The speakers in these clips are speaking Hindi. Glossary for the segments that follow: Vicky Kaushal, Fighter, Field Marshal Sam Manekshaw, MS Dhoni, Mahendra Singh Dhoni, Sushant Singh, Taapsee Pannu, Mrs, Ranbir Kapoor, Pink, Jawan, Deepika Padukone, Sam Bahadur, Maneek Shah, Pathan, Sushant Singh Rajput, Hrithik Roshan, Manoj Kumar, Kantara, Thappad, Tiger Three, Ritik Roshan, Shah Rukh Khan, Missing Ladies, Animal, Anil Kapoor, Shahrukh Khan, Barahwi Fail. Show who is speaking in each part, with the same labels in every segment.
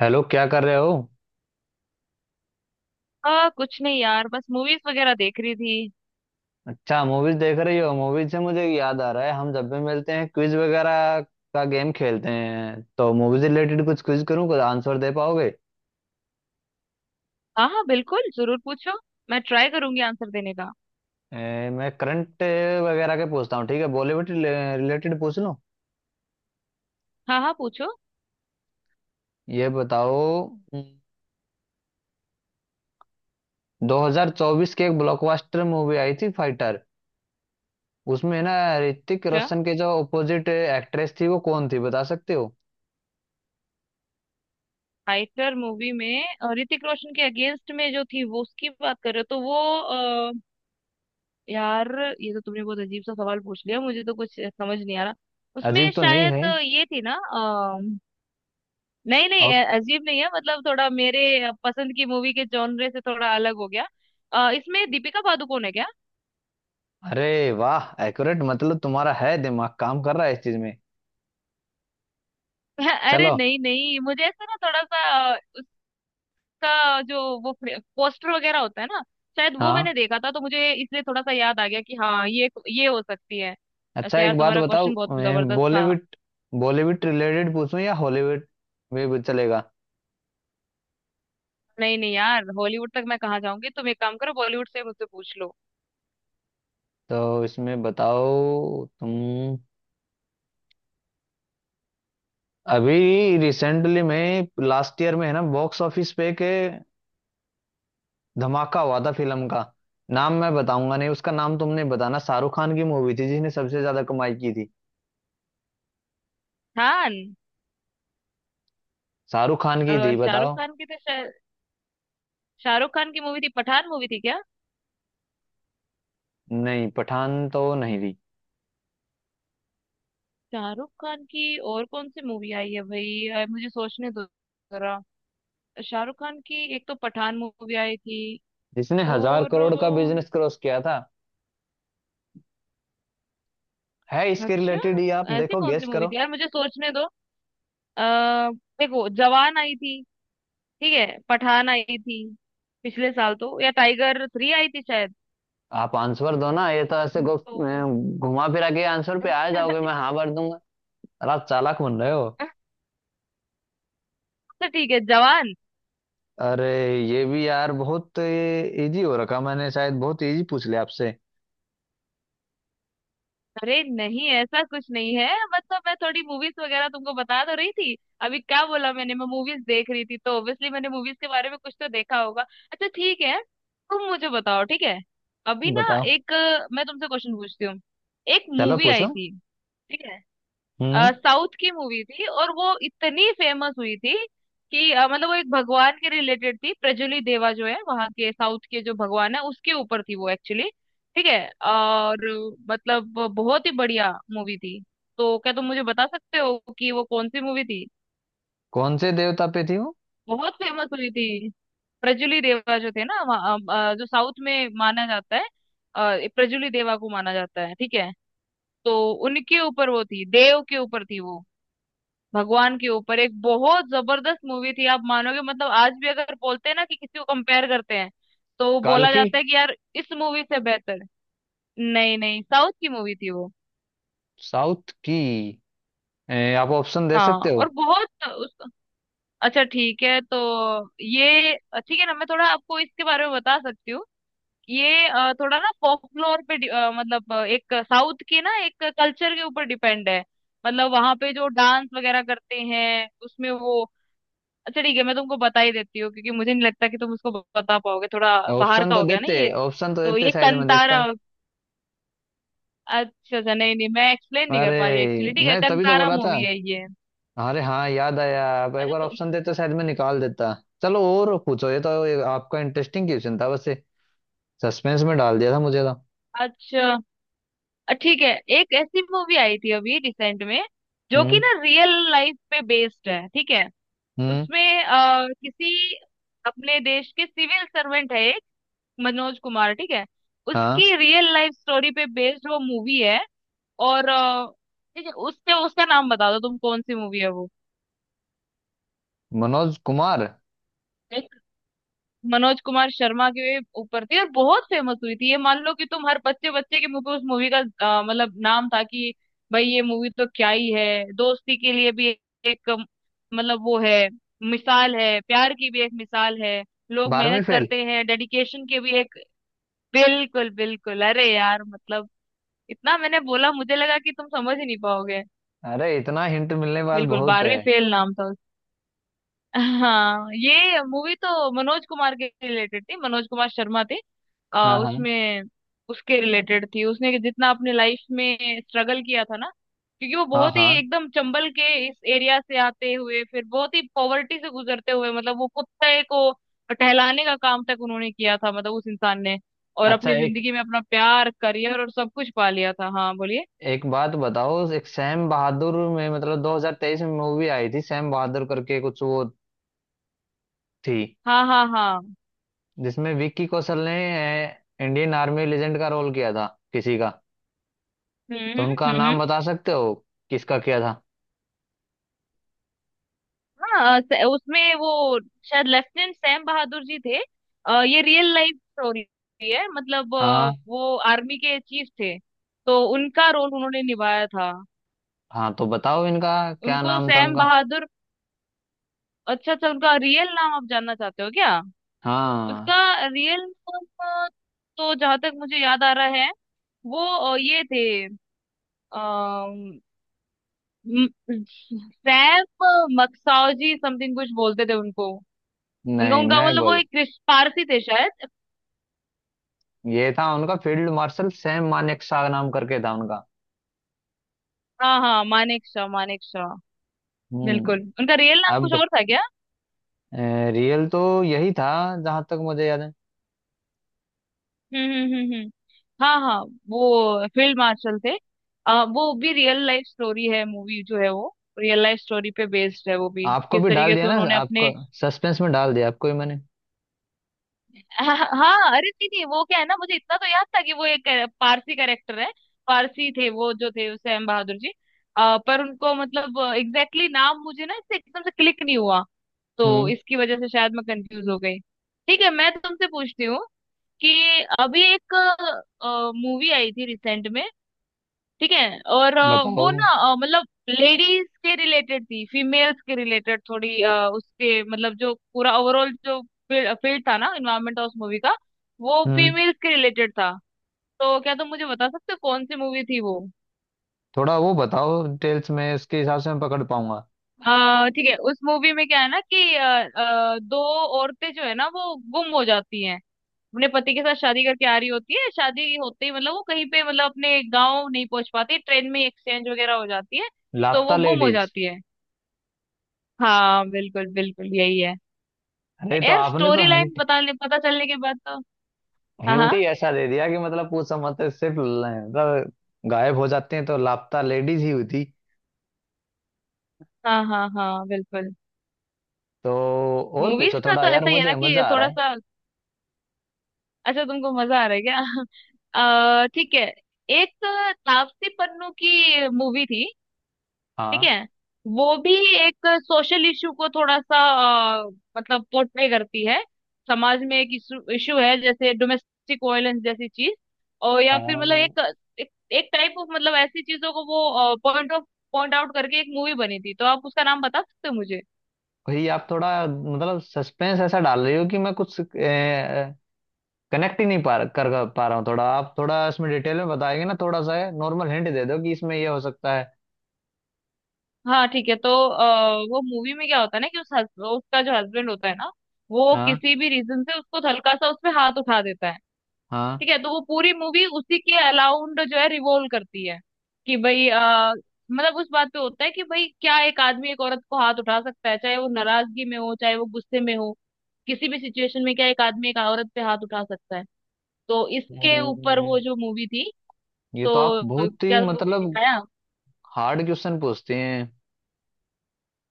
Speaker 1: हेलो, क्या कर रहे हो।
Speaker 2: कुछ नहीं यार, बस मूवीज वगैरह देख रही थी।
Speaker 1: अच्छा, मूवीज देख रही हो। मूवीज से मुझे याद आ रहा है, हम जब भी मिलते हैं क्विज वगैरह का गेम खेलते हैं, तो मूवीज रिलेटेड कुछ क्विज करूँ, कुछ आंसर दे पाओगे।
Speaker 2: हाँ हाँ, बिल्कुल, जरूर पूछो। मैं ट्राई करूंगी आंसर देने का।
Speaker 1: मैं करंट वगैरह के पूछता हूँ, ठीक है बॉलीवुड रिलेटेड पूछ लो।
Speaker 2: हाँ हाँ पूछो।
Speaker 1: ये बताओ। हम्म, 2024 की एक ब्लॉकबस्टर मूवी आई थी फाइटर। उसमें ना ऋतिक
Speaker 2: अच्छा,
Speaker 1: रोशन के जो अपोजिट एक्ट्रेस थी, वो कौन थी बता सकते हो।
Speaker 2: फाइटर मूवी में ऋतिक रोशन के अगेंस्ट में जो थी, वो उसकी बात कर रहे हो? तो वो अ, यार, ये तो तुमने बहुत अजीब सा सवाल पूछ लिया, मुझे तो कुछ समझ नहीं आ रहा। उसमें
Speaker 1: अजीब तो नहीं है।
Speaker 2: शायद ये थी ना नहीं नहीं, अजीब नहीं है, मतलब थोड़ा मेरे पसंद की मूवी के जॉनरे से थोड़ा अलग हो गया। इसमें दीपिका पादुकोण है क्या?
Speaker 1: अरे वाह, एक्यूरेट, मतलब तुम्हारा है दिमाग काम कर रहा है इस चीज में।
Speaker 2: अरे
Speaker 1: चलो।
Speaker 2: नहीं नहीं, मुझे ऐसा ना, थोड़ा सा उसका जो वो पोस्टर वगैरह होता है ना, शायद वो
Speaker 1: हाँ।
Speaker 2: मैंने देखा था, तो मुझे इसलिए थोड़ा सा याद आ गया कि हाँ, ये हो सकती है।
Speaker 1: अच्छा
Speaker 2: ऐसे यार,
Speaker 1: एक बात
Speaker 2: तुम्हारा
Speaker 1: बताओ,
Speaker 2: क्वेश्चन बहुत जबरदस्त था।
Speaker 1: बॉलीवुड बॉलीवुड रिलेटेड पूछूं या हॉलीवुड में भी चलेगा।
Speaker 2: नहीं नहीं यार, हॉलीवुड तक मैं कहाँ जाऊंगी? तुम एक काम करो, बॉलीवुड से मुझसे पूछ लो।
Speaker 1: तो इसमें बताओ तुम, अभी रिसेंटली में लास्ट ईयर में है ना, बॉक्स ऑफिस पे के धमाका हुआ था फिल्म का। नाम मैं बताऊंगा नहीं, उसका नाम तुमने बताना। शाहरुख खान की मूवी थी जिसने सबसे ज्यादा कमाई की थी।
Speaker 2: खान।
Speaker 1: शाहरुख खान की थी,
Speaker 2: शाहरुख
Speaker 1: बताओ।
Speaker 2: खान की तो शायद, शाहरुख खान की मूवी थी पठान, मूवी थी क्या?
Speaker 1: नहीं, पठान तो नहीं थी।
Speaker 2: शाहरुख खान की और कौन सी मूवी आई है भाई? मुझे सोचने दो जरा। शाहरुख खान की एक तो पठान मूवी आई थी,
Speaker 1: जिसने हजार
Speaker 2: और
Speaker 1: करोड़ का बिजनेस क्रॉस किया था। है, इसके
Speaker 2: अच्छा,
Speaker 1: रिलेटेड ही आप
Speaker 2: ऐसी
Speaker 1: देखो,
Speaker 2: कौन सी
Speaker 1: गेस
Speaker 2: मूवी
Speaker 1: करो।
Speaker 2: थी यार, मुझे सोचने दो। अ देखो, जवान आई थी, ठीक है, पठान आई थी, पिछले साल तो, या टाइगर 3 आई थी शायद।
Speaker 1: आप आंसर दो ना, ये तो ऐसे
Speaker 2: तो
Speaker 1: घुमा फिरा के आंसर पे आ जाओगे, मैं हाँ भर दूंगा। और आप चालाक बन रहे हो।
Speaker 2: तो ठीक है, जवान।
Speaker 1: अरे ये भी यार बहुत इजी हो रखा, मैंने शायद बहुत इजी पूछ लिया आपसे।
Speaker 2: अरे नहीं, ऐसा कुछ नहीं है, मतलब मैं थोड़ी मूवीज वगैरह तुमको बता तो रही थी। अभी क्या बोला मैंने? मैं मूवीज देख रही थी, तो ऑब्वियसली मैंने मूवीज के बारे में कुछ तो देखा होगा। अच्छा ठीक है, तुम मुझे बताओ, ठीक है। अभी ना
Speaker 1: बताओ।
Speaker 2: एक मैं तुमसे क्वेश्चन पूछती हूँ। एक
Speaker 1: चलो
Speaker 2: मूवी आई
Speaker 1: पूछो।
Speaker 2: थी, ठीक है,
Speaker 1: हम्म।
Speaker 2: साउथ की मूवी थी, और वो इतनी फेमस हुई थी कि मतलब वो एक भगवान के रिलेटेड थी। प्रजुलि देवा जो है, वहाँ के साउथ के जो भगवान है, उसके ऊपर थी वो एक्चुअली। ठीक है, और मतलब बहुत ही बढ़िया मूवी थी, तो क्या तुम मुझे बता सकते हो कि वो कौन सी मूवी थी?
Speaker 1: कौन से देवता पे थी वो।
Speaker 2: बहुत फेमस हुई थी। प्रजुलि देवा जो थे ना वहाँ, जो साउथ में माना जाता है, प्रजुलि देवा को माना जाता है, ठीक है। तो उनके ऊपर वो थी, देव के ऊपर थी वो, भगवान के ऊपर। एक बहुत जबरदस्त मूवी थी, आप मानोगे, मतलब आज भी अगर बोलते हैं ना, कि किसी को कंपेयर करते हैं, तो
Speaker 1: काल
Speaker 2: बोला
Speaker 1: की।
Speaker 2: जाता है कि यार इस मूवी से बेहतर। नहीं नहीं, साउथ की मूवी थी वो।
Speaker 1: साउथ की। आप ऑप्शन दे
Speaker 2: हाँ,
Speaker 1: सकते
Speaker 2: और
Speaker 1: हो।
Speaker 2: बहुत उस, अच्छा ठीक है, तो ये ठीक है ना, मैं थोड़ा आपको इसके बारे में बता सकती हूँ। ये थोड़ा ना फ्लोर पे मतलब एक साउथ के ना एक कल्चर के ऊपर डिपेंड है। मतलब वहां पे जो डांस वगैरह करते हैं, उसमें वो, अच्छा ठीक है, मैं तुमको बता ही देती हूँ, क्योंकि मुझे नहीं लगता कि तुम उसको बता पाओगे। थोड़ा बाहर
Speaker 1: ऑप्शन
Speaker 2: का
Speaker 1: तो
Speaker 2: हो गया ना
Speaker 1: देते।
Speaker 2: ये।
Speaker 1: ऑप्शन तो
Speaker 2: तो
Speaker 1: देते,
Speaker 2: ये
Speaker 1: शायद मैं देखता।
Speaker 2: कंतारा। अच्छा अच्छा, नहीं नहीं, मैं एक्सप्लेन नहीं कर
Speaker 1: अरे
Speaker 2: पा रही एक्चुअली। ठीक है,
Speaker 1: मैं तभी तो
Speaker 2: कंतारा
Speaker 1: बोला था।
Speaker 2: मूवी है ये।
Speaker 1: अरे हाँ याद आया, आप एक
Speaker 2: अच्छा
Speaker 1: बार
Speaker 2: तो
Speaker 1: ऑप्शन देते शायद मैं निकाल देता। चलो और पूछो, ये तो ये आपका इंटरेस्टिंग क्वेश्चन था वैसे, सस्पेंस में डाल दिया था मुझे तो।
Speaker 2: अच्छा, ठीक है, एक ऐसी मूवी आई थी अभी रिसेंट में, जो कि
Speaker 1: हम्म।
Speaker 2: ना रियल लाइफ पे बेस्ड है, ठीक है।
Speaker 1: हम्म।
Speaker 2: उसमें किसी अपने देश के सिविल सर्वेंट है एक, मनोज कुमार, ठीक है।
Speaker 1: हाँ।
Speaker 2: उसकी रियल लाइफ स्टोरी पे बेस्ड वो मूवी है, और ठीक है, उसके उसका नाम बता दो तुम, कौन सी मूवी है वो।
Speaker 1: मनोज कुमार।
Speaker 2: एक मनोज कुमार शर्मा के ऊपर थी, और बहुत फेमस हुई थी, ये मान लो कि तुम, हर बच्चे बच्चे के मुंह पे उस मूवी का मतलब नाम था, कि भाई ये मूवी तो क्या ही है। दोस्ती के लिए भी एक मतलब वो है, मिसाल है, प्यार की भी एक मिसाल है, लोग
Speaker 1: बारहवीं
Speaker 2: मेहनत
Speaker 1: फेल।
Speaker 2: करते हैं, डेडिकेशन के भी एक। बिल्कुल बिल्कुल, अरे यार मतलब, इतना मैंने बोला, मुझे लगा कि तुम समझ ही नहीं पाओगे।
Speaker 1: अरे इतना हिंट मिलने के बाद
Speaker 2: बिल्कुल,
Speaker 1: बहुत है।
Speaker 2: 12वीं फेल नाम था। हाँ, ये मूवी तो मनोज कुमार के रिलेटेड थी, मनोज कुमार शर्मा थे।
Speaker 1: हाँ हाँ।
Speaker 2: उसमें उसके रिलेटेड थी, उसने जितना अपने लाइफ में स्ट्रगल किया था ना, क्योंकि वो
Speaker 1: हाँ
Speaker 2: बहुत ही
Speaker 1: हाँ।
Speaker 2: एकदम चंबल के इस एरिया से आते हुए, फिर बहुत ही पॉवर्टी से गुजरते हुए, मतलब वो कुत्ते को टहलाने का काम तक उन्होंने किया था, मतलब उस इंसान ने, और
Speaker 1: अच्छा
Speaker 2: अपनी
Speaker 1: एक
Speaker 2: जिंदगी में अपना प्यार, करियर और सब कुछ पा लिया था। हाँ बोलिए।
Speaker 1: एक बात बताओ, एक सैम बहादुर में, मतलब 2023 में मूवी आई थी सैम बहादुर करके कुछ, वो थी
Speaker 2: हाँ हाँ हाँ।
Speaker 1: जिसमें विक्की कौशल ने इंडियन आर्मी लेजेंड का रोल किया था किसी का। तो उनका
Speaker 2: हम्म।
Speaker 1: नाम बता सकते हो, किसका किया था।
Speaker 2: हाँ, उसमें वो शायद लेफ्टिनेंट सैम बहादुर जी थे। ये रियल लाइफ स्टोरी है, मतलब
Speaker 1: हाँ
Speaker 2: वो आर्मी के चीफ थे, तो उनका रोल उन्होंने निभाया था।
Speaker 1: हाँ तो बताओ इनका, क्या
Speaker 2: उनको
Speaker 1: नाम था
Speaker 2: सैम
Speaker 1: उनका।
Speaker 2: बहादुर। अच्छा अच्छा, उनका रियल नाम आप जानना चाहते हो क्या?
Speaker 1: हाँ
Speaker 2: उसका रियल नाम, अ, तो जहां तक मुझे याद आ रहा है, वो ये थे, अम, म- सैम मक्साओजी समथिंग कुछ बोलते थे उनको। उनका
Speaker 1: नहीं
Speaker 2: उनका
Speaker 1: मैं
Speaker 2: मतलब, वो
Speaker 1: बोल,
Speaker 2: एक पारसी थे शायद।
Speaker 1: ये था उनका फील्ड मार्शल सैम मानेकशॉ नाम करके था उनका।
Speaker 2: हाँ हाँ, मानेक शाह, मानेक शाह।
Speaker 1: हम्म।
Speaker 2: बिल्कुल, उनका रियल नाम कुछ
Speaker 1: अब
Speaker 2: और था क्या?
Speaker 1: रियल तो यही था, जहां तक मुझे याद है।
Speaker 2: हम्म हम्म हम्म हम्म। हाँ हाँ, वो फील्ड मार्शल थे। वो भी रियल लाइफ स्टोरी है, मूवी जो है वो रियल लाइफ स्टोरी पे बेस्ड है, वो भी,
Speaker 1: आपको
Speaker 2: किस
Speaker 1: भी डाल
Speaker 2: तरीके
Speaker 1: दिया
Speaker 2: से
Speaker 1: ना,
Speaker 2: उन्होंने
Speaker 1: आपको
Speaker 2: अपने,
Speaker 1: सस्पेंस में डाल दिया, आपको ही मैंने।
Speaker 2: हाँ हाँ, अरे नहीं नहीं, वो क्या है ना, मुझे इतना तो याद था कि वो एक पारसी कैरेक्टर है, पारसी थे वो, जो थे सैम बहादुर जी। पर उनको, मतलब, एग्जैक्टली नाम मुझे ना इससे एकदम से क्लिक नहीं हुआ, तो
Speaker 1: हम्म।
Speaker 2: इसकी वजह से शायद मैं कंफ्यूज हो गई। ठीक है, मैं तुमसे पूछती हूँ कि अभी एक मूवी आई थी रिसेंट में, ठीक है, और वो
Speaker 1: बताओ।
Speaker 2: ना मतलब लेडीज के रिलेटेड थी, फीमेल्स के रिलेटेड थोड़ी उसके मतलब जो पूरा ओवरऑल, जो फील्ड था ना, इन्वायरमेंट ऑफ मूवी का, वो
Speaker 1: हम्म।
Speaker 2: फीमेल्स के रिलेटेड था, तो क्या तुम मुझे बता सकते हो कौन सी मूवी थी वो?
Speaker 1: थोड़ा वो बताओ डिटेल्स में, इसके हिसाब से मैं पकड़ पाऊंगा।
Speaker 2: ठीक है, उस मूवी में क्या है ना कि दो औरतें जो है ना, वो गुम हो जाती हैं, अपने पति के साथ शादी करके आ रही होती है, शादी होते ही मतलब वो कहीं पे, मतलब अपने गांव नहीं पहुंच पाती, ट्रेन में एक्सचेंज वगैरह हो जाती है, तो
Speaker 1: लापता
Speaker 2: वो गुम हो
Speaker 1: लेडीज।
Speaker 2: जाती है। हाँ बिल्कुल बिल्कुल, यही है।
Speaker 1: अरे तो
Speaker 2: यार
Speaker 1: आपने तो
Speaker 2: स्टोरी लाइन
Speaker 1: हिंट,
Speaker 2: बताने, पता चलने के बाद तो, हाँ
Speaker 1: हिंट
Speaker 2: हाँ
Speaker 1: ही ऐसा दे दिया कि मतलब पूछ समझ तो सिर्फ ल- मतलब गायब हो जाते हैं तो लापता लेडीज ही हुई थी।
Speaker 2: हाँ हाँ हाँ, बिल्कुल।
Speaker 1: तो और
Speaker 2: मूवीज
Speaker 1: पूछो
Speaker 2: का
Speaker 1: थोड़ा,
Speaker 2: तो
Speaker 1: यार
Speaker 2: ऐसा ही है ना,
Speaker 1: मुझे
Speaker 2: कि
Speaker 1: मजा आ रहा
Speaker 2: थोड़ा
Speaker 1: है।
Speaker 2: सा, अच्छा तुमको मजा आ रहा है क्या? ठीक है, एक तापसी पन्नू की मूवी थी, ठीक
Speaker 1: हाँ
Speaker 2: है, वो भी एक सोशल इशू को थोड़ा सा अ, मतलब पोर्ट्रे करती है। समाज में एक इशू, इशू है जैसे डोमेस्टिक वायलेंस जैसी चीज, और या फिर मतलब
Speaker 1: हाँ।
Speaker 2: एक, एक टाइप ऑफ, मतलब ऐसी चीजों को वो, पॉइंट आउट करके एक मूवी बनी थी, तो आप उसका नाम बता सकते हो मुझे?
Speaker 1: भाई आप थोड़ा मतलब सस्पेंस ऐसा डाल रही हो कि मैं कुछ कनेक्ट ही नहीं पा रहा हूँ। थोड़ा आप थोड़ा इसमें डिटेल में बताएंगे ना, थोड़ा सा नॉर्मल हिंट दे दो कि इसमें ये हो सकता है।
Speaker 2: हाँ ठीक है, तो वो मूवी में क्या होता है ना कि उसका जो हस्बैंड होता है ना, वो
Speaker 1: हाँ
Speaker 2: किसी भी रीजन से उसको हल्का सा उस पे हाथ उठा देता है,
Speaker 1: हाँ।
Speaker 2: ठीक है। तो वो पूरी मूवी उसी के अलाउंड जो है रिवॉल्व करती है, कि भाई मतलब उस बात पे होता है कि भाई, क्या एक आदमी एक औरत को हाथ उठा सकता है? चाहे वो नाराजगी में हो, चाहे वो गुस्से में हो, किसी भी सिचुएशन में क्या एक आदमी एक औरत पे हाथ उठा सकता है? तो इसके ऊपर
Speaker 1: हम्म,
Speaker 2: वो जो मूवी थी,
Speaker 1: ये तो आप
Speaker 2: तो
Speaker 1: बहुत ही
Speaker 2: क्या तुमको कुछ
Speaker 1: मतलब
Speaker 2: दिखाया?
Speaker 1: हार्ड क्वेश्चन पूछते हैं।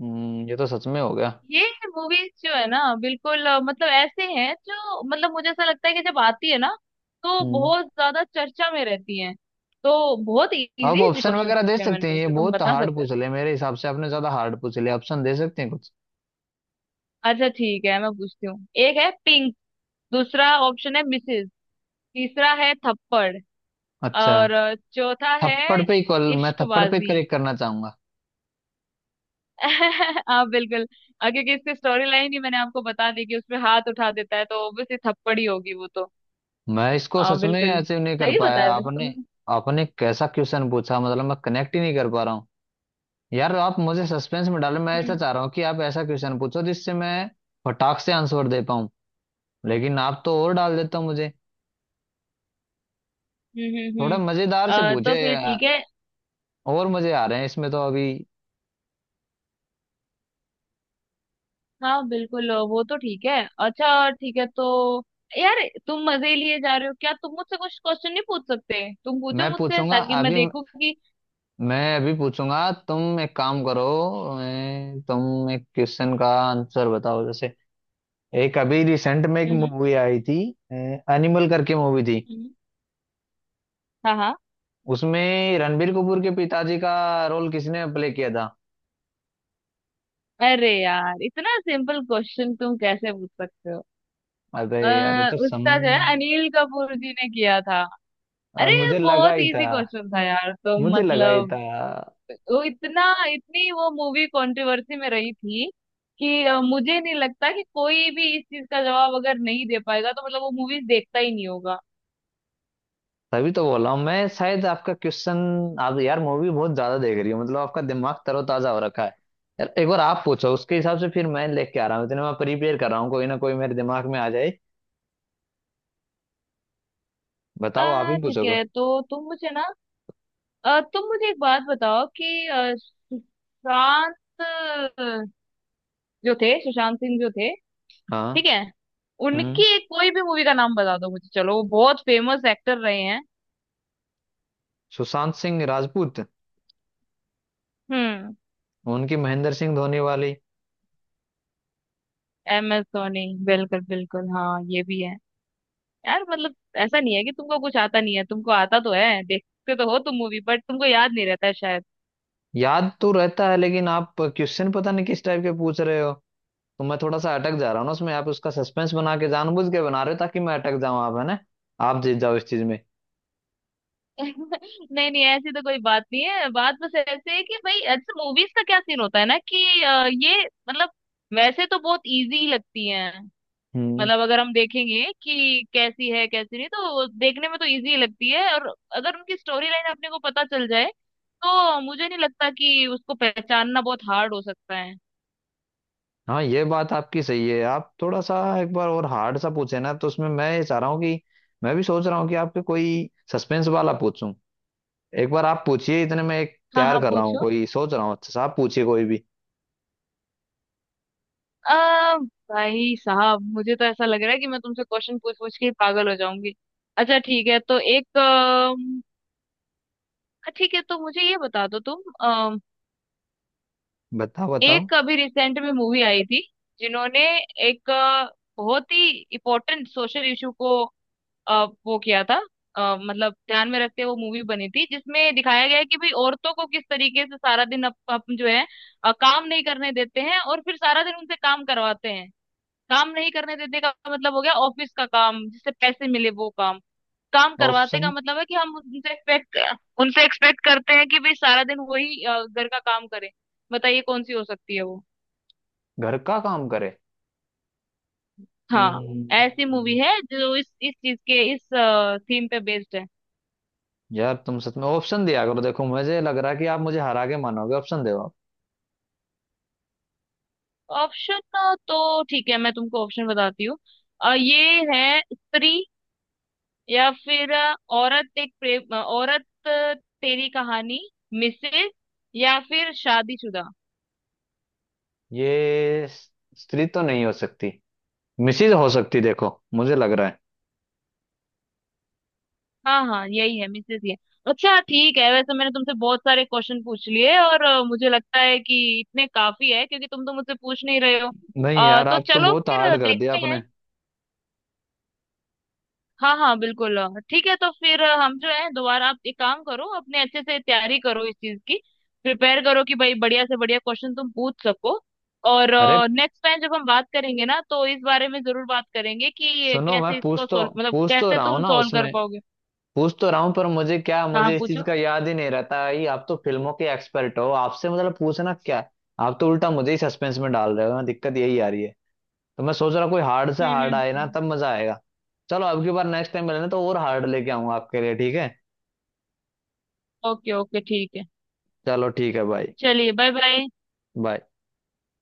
Speaker 1: ये तो सच में हो गया।
Speaker 2: ये मूवीज जो है ना, बिल्कुल मतलब ऐसे हैं जो, मतलब मुझे ऐसा लगता है कि जब आती है ना, तो
Speaker 1: हम्म।
Speaker 2: बहुत ज्यादा चर्चा में रहती हैं, तो बहुत इजी
Speaker 1: आप
Speaker 2: इजी
Speaker 1: ऑप्शन
Speaker 2: क्वेश्चन
Speaker 1: वगैरह दे
Speaker 2: पूछे मैंने
Speaker 1: सकते हैं, ये
Speaker 2: तुमसे, तुम
Speaker 1: बहुत
Speaker 2: बता
Speaker 1: हार्ड
Speaker 2: सकते हो।
Speaker 1: पूछ लिया, मेरे हिसाब से आपने ज्यादा हार्ड पूछ लिया। ऑप्शन दे सकते हैं कुछ।
Speaker 2: अच्छा ठीक है, मैं पूछती हूँ, एक है पिंक, दूसरा ऑप्शन है मिसेज, तीसरा है थप्पड़,
Speaker 1: अच्छा,
Speaker 2: और चौथा है
Speaker 1: थप्पड़ पे ही कॉल, मैं थप्पड़ पे
Speaker 2: इश्कबाजी।
Speaker 1: करेक्ट करना चाहूंगा।
Speaker 2: आप बिल्कुल, क्योंकि इसकी स्टोरी लाइन ही मैंने आपको बता दी कि उसमें हाथ उठा देता है, तो ऑब्वियसली थप्पड़ ही होगी वो तो।
Speaker 1: मैं इसको सच में
Speaker 2: बिल्कुल
Speaker 1: ऐसे नहीं कर
Speaker 2: सही
Speaker 1: पाया,
Speaker 2: बताया वैसे
Speaker 1: आपने
Speaker 2: तुमने।
Speaker 1: आपने कैसा क्वेश्चन पूछा, मतलब मैं कनेक्ट ही नहीं कर पा रहा हूँ। यार आप मुझे सस्पेंस में डालें, मैं ऐसा
Speaker 2: हम्म
Speaker 1: चाह रहा हूँ कि आप ऐसा क्वेश्चन पूछो जिससे मैं फटाक से आंसर दे पाऊँ, लेकिन आप तो और डाल देते हो मुझे।
Speaker 2: हम्म हम्म
Speaker 1: थोड़ा
Speaker 2: हम्म।
Speaker 1: मजेदार से
Speaker 2: तो
Speaker 1: पूछे,
Speaker 2: फिर ठीक है,
Speaker 1: और मजे आ रहे हैं इसमें तो अभी।
Speaker 2: हाँ बिल्कुल वो तो ठीक है। अच्छा ठीक है, तो यार तुम मजे लिए जा रहे हो क्या? तुम मुझसे कुछ क्वेश्चन नहीं पूछ सकते? तुम पूछो
Speaker 1: मैं
Speaker 2: मुझसे,
Speaker 1: पूछूंगा
Speaker 2: ताकि मैं
Speaker 1: अभी,
Speaker 2: देखूं कि,
Speaker 1: मैं अभी पूछूंगा। तुम एक काम करो, मैं तुम एक क्वेश्चन का आंसर बताओ, जैसे एक अभी रिसेंट में एक
Speaker 2: हम्म हम्म।
Speaker 1: मूवी आई थी एनिमल करके मूवी थी,
Speaker 2: हम्म। हाँ हाँ,
Speaker 1: उसमें रणबीर कपूर के पिताजी का रोल किसने प्ले किया था।
Speaker 2: अरे यार, इतना सिंपल क्वेश्चन तुम कैसे पूछ सकते हो?
Speaker 1: अबे यार ये तो
Speaker 2: उसका
Speaker 1: समझ।
Speaker 2: जो है अनिल कपूर जी ने किया था। अरे ये
Speaker 1: मुझे लगा
Speaker 2: बहुत
Speaker 1: ही था।
Speaker 2: इजी क्वेश्चन था यार, तुम
Speaker 1: मुझे लगा ही था,
Speaker 2: मतलब, वो इतना इतनी वो मूवी कंट्रोवर्सी में रही थी कि मुझे नहीं लगता कि कोई भी इस चीज का जवाब अगर नहीं दे पाएगा, तो मतलब वो मूवीज देखता ही नहीं होगा।
Speaker 1: तभी तो बोला हूँ मैं शायद। आपका क्वेश्चन, आप यार मूवी बहुत ज्यादा देख रही हो, मतलब आपका दिमाग तरोताजा हो रखा है। यार एक बार आप पूछो, उसके हिसाब से फिर मैं लेके आ रहा हूँ, इतने मैं प्रिपेयर कर रहा हूँ, कोई ना कोई मेरे दिमाग में आ जाए। बताओ, आप
Speaker 2: आ
Speaker 1: ही
Speaker 2: ठीक
Speaker 1: पूछोगे।
Speaker 2: है, तो तुम मुझे ना, तुम मुझे एक बात बताओ, कि सुशांत, अ, जो थे, सुशांत सिंह जो थे, ठीक
Speaker 1: हाँ।
Speaker 2: है, उनकी
Speaker 1: हम्म।
Speaker 2: एक कोई भी मूवी का नाम बता दो मुझे, चलो, वो बहुत फेमस एक्टर रहे हैं।
Speaker 1: सुशांत सिंह राजपूत,
Speaker 2: हम्म।
Speaker 1: उनकी महेंद्र सिंह धोनी वाली।
Speaker 2: MS धोनी, बिल्कुल बिल्कुल, हाँ ये भी है। यार मतलब ऐसा नहीं है कि तुमको कुछ आता नहीं है, तुमको आता तो है, देखते तो हो तुम मूवी, बट तुमको याद नहीं रहता है शायद।
Speaker 1: याद तो रहता है, लेकिन आप क्वेश्चन पता नहीं किस टाइप के पूछ रहे हो, तो मैं थोड़ा सा अटक जा रहा हूँ ना उसमें। आप उसका सस्पेंस बना के जानबूझ के बना रहे हो, ताकि मैं अटक जाऊं, आप है ना, आप जीत जाओ इस चीज में।
Speaker 2: नहीं नहीं, ऐसी तो कोई बात नहीं है, बात बस ऐसे है कि भाई, अच्छा मूवीज का क्या सीन होता है ना कि ये, मतलब वैसे तो बहुत इजी लगती है,
Speaker 1: हम्म।
Speaker 2: मतलब अगर हम देखेंगे कि कैसी है कैसी नहीं, तो देखने में तो इजी लगती है, और अगर उनकी स्टोरी लाइन अपने को पता चल जाए, तो मुझे नहीं लगता कि उसको पहचानना बहुत हार्ड हो सकता है।
Speaker 1: हाँ ये बात आपकी सही है। आप थोड़ा सा एक बार और हार्ड सा पूछे ना, तो उसमें मैं ये चाह रहा हूँ कि, मैं भी सोच रहा हूँ कि आपके कोई सस्पेंस वाला पूछूं। एक बार आप पूछिए, इतने में एक
Speaker 2: हाँ हाँ
Speaker 1: तैयार कर रहा हूँ,
Speaker 2: पूछो।
Speaker 1: कोई सोच रहा हूँ अच्छा सा, आप पूछिए कोई भी।
Speaker 2: आ, भाई साहब, मुझे तो ऐसा लग रहा है कि मैं तुमसे क्वेश्चन पूछ पूछ के ही पागल हो जाऊंगी। अच्छा ठीक है, तो एक, ठीक है, तो मुझे ये बता दो तुम, अम,
Speaker 1: बताओ बताओ।
Speaker 2: एक अभी रिसेंट में मूवी आई थी, जिन्होंने एक बहुत ही इम्पोर्टेंट सोशल इशू को वो किया था। मतलब ध्यान में रखते हुए वो मूवी बनी थी, जिसमें दिखाया गया है कि भाई, औरतों को किस तरीके से सारा दिन अप जो है काम नहीं करने देते हैं, और फिर सारा दिन उनसे काम करवाते हैं। काम नहीं करने देने का मतलब हो गया ऑफिस का काम, जिससे पैसे मिले, वो काम। काम करवाते
Speaker 1: ऑप्शन।
Speaker 2: का मतलब है कि हम उनसे एक्सपेक्ट करते हैं कि भाई सारा दिन वही घर का काम करें। बताइए कौन सी हो सकती है वो?
Speaker 1: घर का काम करे।
Speaker 2: हाँ, ऐसी
Speaker 1: हम्म।
Speaker 2: मूवी है जो इस चीज के इस थीम पे बेस्ड है।
Speaker 1: यार तुम सच में ऑप्शन दिया करो, देखो मुझे लग रहा है कि आप मुझे हरा के मानोगे, ऑप्शन दो आप।
Speaker 2: ऑप्शन तो ठीक है, मैं तुमको ऑप्शन बताती हूँ। ये है स्त्री, या फिर औरत एक प्रेम, औरत, तेरी कहानी, मिसेज, या फिर शादीशुदा।
Speaker 1: ये स्त्री तो नहीं हो सकती, मिसिज हो सकती देखो, मुझे लग रहा है।
Speaker 2: हाँ हाँ यही है, मिसेस, ये। अच्छा ठीक है, वैसे मैंने तुमसे बहुत सारे क्वेश्चन पूछ लिए, और मुझे लगता है कि इतने काफी है, क्योंकि तुम तो मुझसे पूछ नहीं रहे हो।
Speaker 1: नहीं यार,
Speaker 2: तो
Speaker 1: आप तो
Speaker 2: चलो
Speaker 1: बहुत हार्ड
Speaker 2: फिर
Speaker 1: कर दिया
Speaker 2: देखते
Speaker 1: आपने।
Speaker 2: हैं। हाँ हाँ, बिल्कुल, ठीक है, तो फिर हम जो है दोबारा, आप एक काम करो, अपने अच्छे से तैयारी करो इस चीज की, प्रिपेयर करो, कि भाई बढ़िया से बढ़िया क्वेश्चन तुम पूछ सको, और
Speaker 1: अरे
Speaker 2: नेक्स्ट टाइम जब हम बात करेंगे ना, तो इस बारे में जरूर बात करेंगे कि ये
Speaker 1: सुनो, मैं
Speaker 2: कैसे
Speaker 1: पूछ
Speaker 2: इसको
Speaker 1: तो,
Speaker 2: सोल्व, मतलब
Speaker 1: पूछ तो
Speaker 2: कैसे
Speaker 1: रहा हूँ
Speaker 2: तुम
Speaker 1: ना
Speaker 2: सोल्व कर
Speaker 1: उसमें,
Speaker 2: पाओगे।
Speaker 1: पूछ तो रहा हूँ, पर मुझे क्या,
Speaker 2: हाँ
Speaker 1: मुझे इस चीज
Speaker 2: पूछो।
Speaker 1: का याद ही नहीं रहता है। आप तो फिल्मों के एक्सपर्ट हो, आपसे मतलब पूछना क्या है? आप तो उल्टा मुझे ही सस्पेंस में डाल रहे हो ना, दिक्कत यही आ रही है। तो मैं सोच रहा कोई हार्ड से
Speaker 2: हम्म हम्म
Speaker 1: हार्ड आए ना
Speaker 2: हम्म।
Speaker 1: तब मजा आएगा। चलो अब की बार, नेक्स्ट टाइम मिलना तो और हार्ड लेके आऊंगा आपके लिए, ठीक है।
Speaker 2: ओके ओके ठीक है।
Speaker 1: चलो ठीक है भाई।
Speaker 2: चलिए, बाय बाय।
Speaker 1: बाय।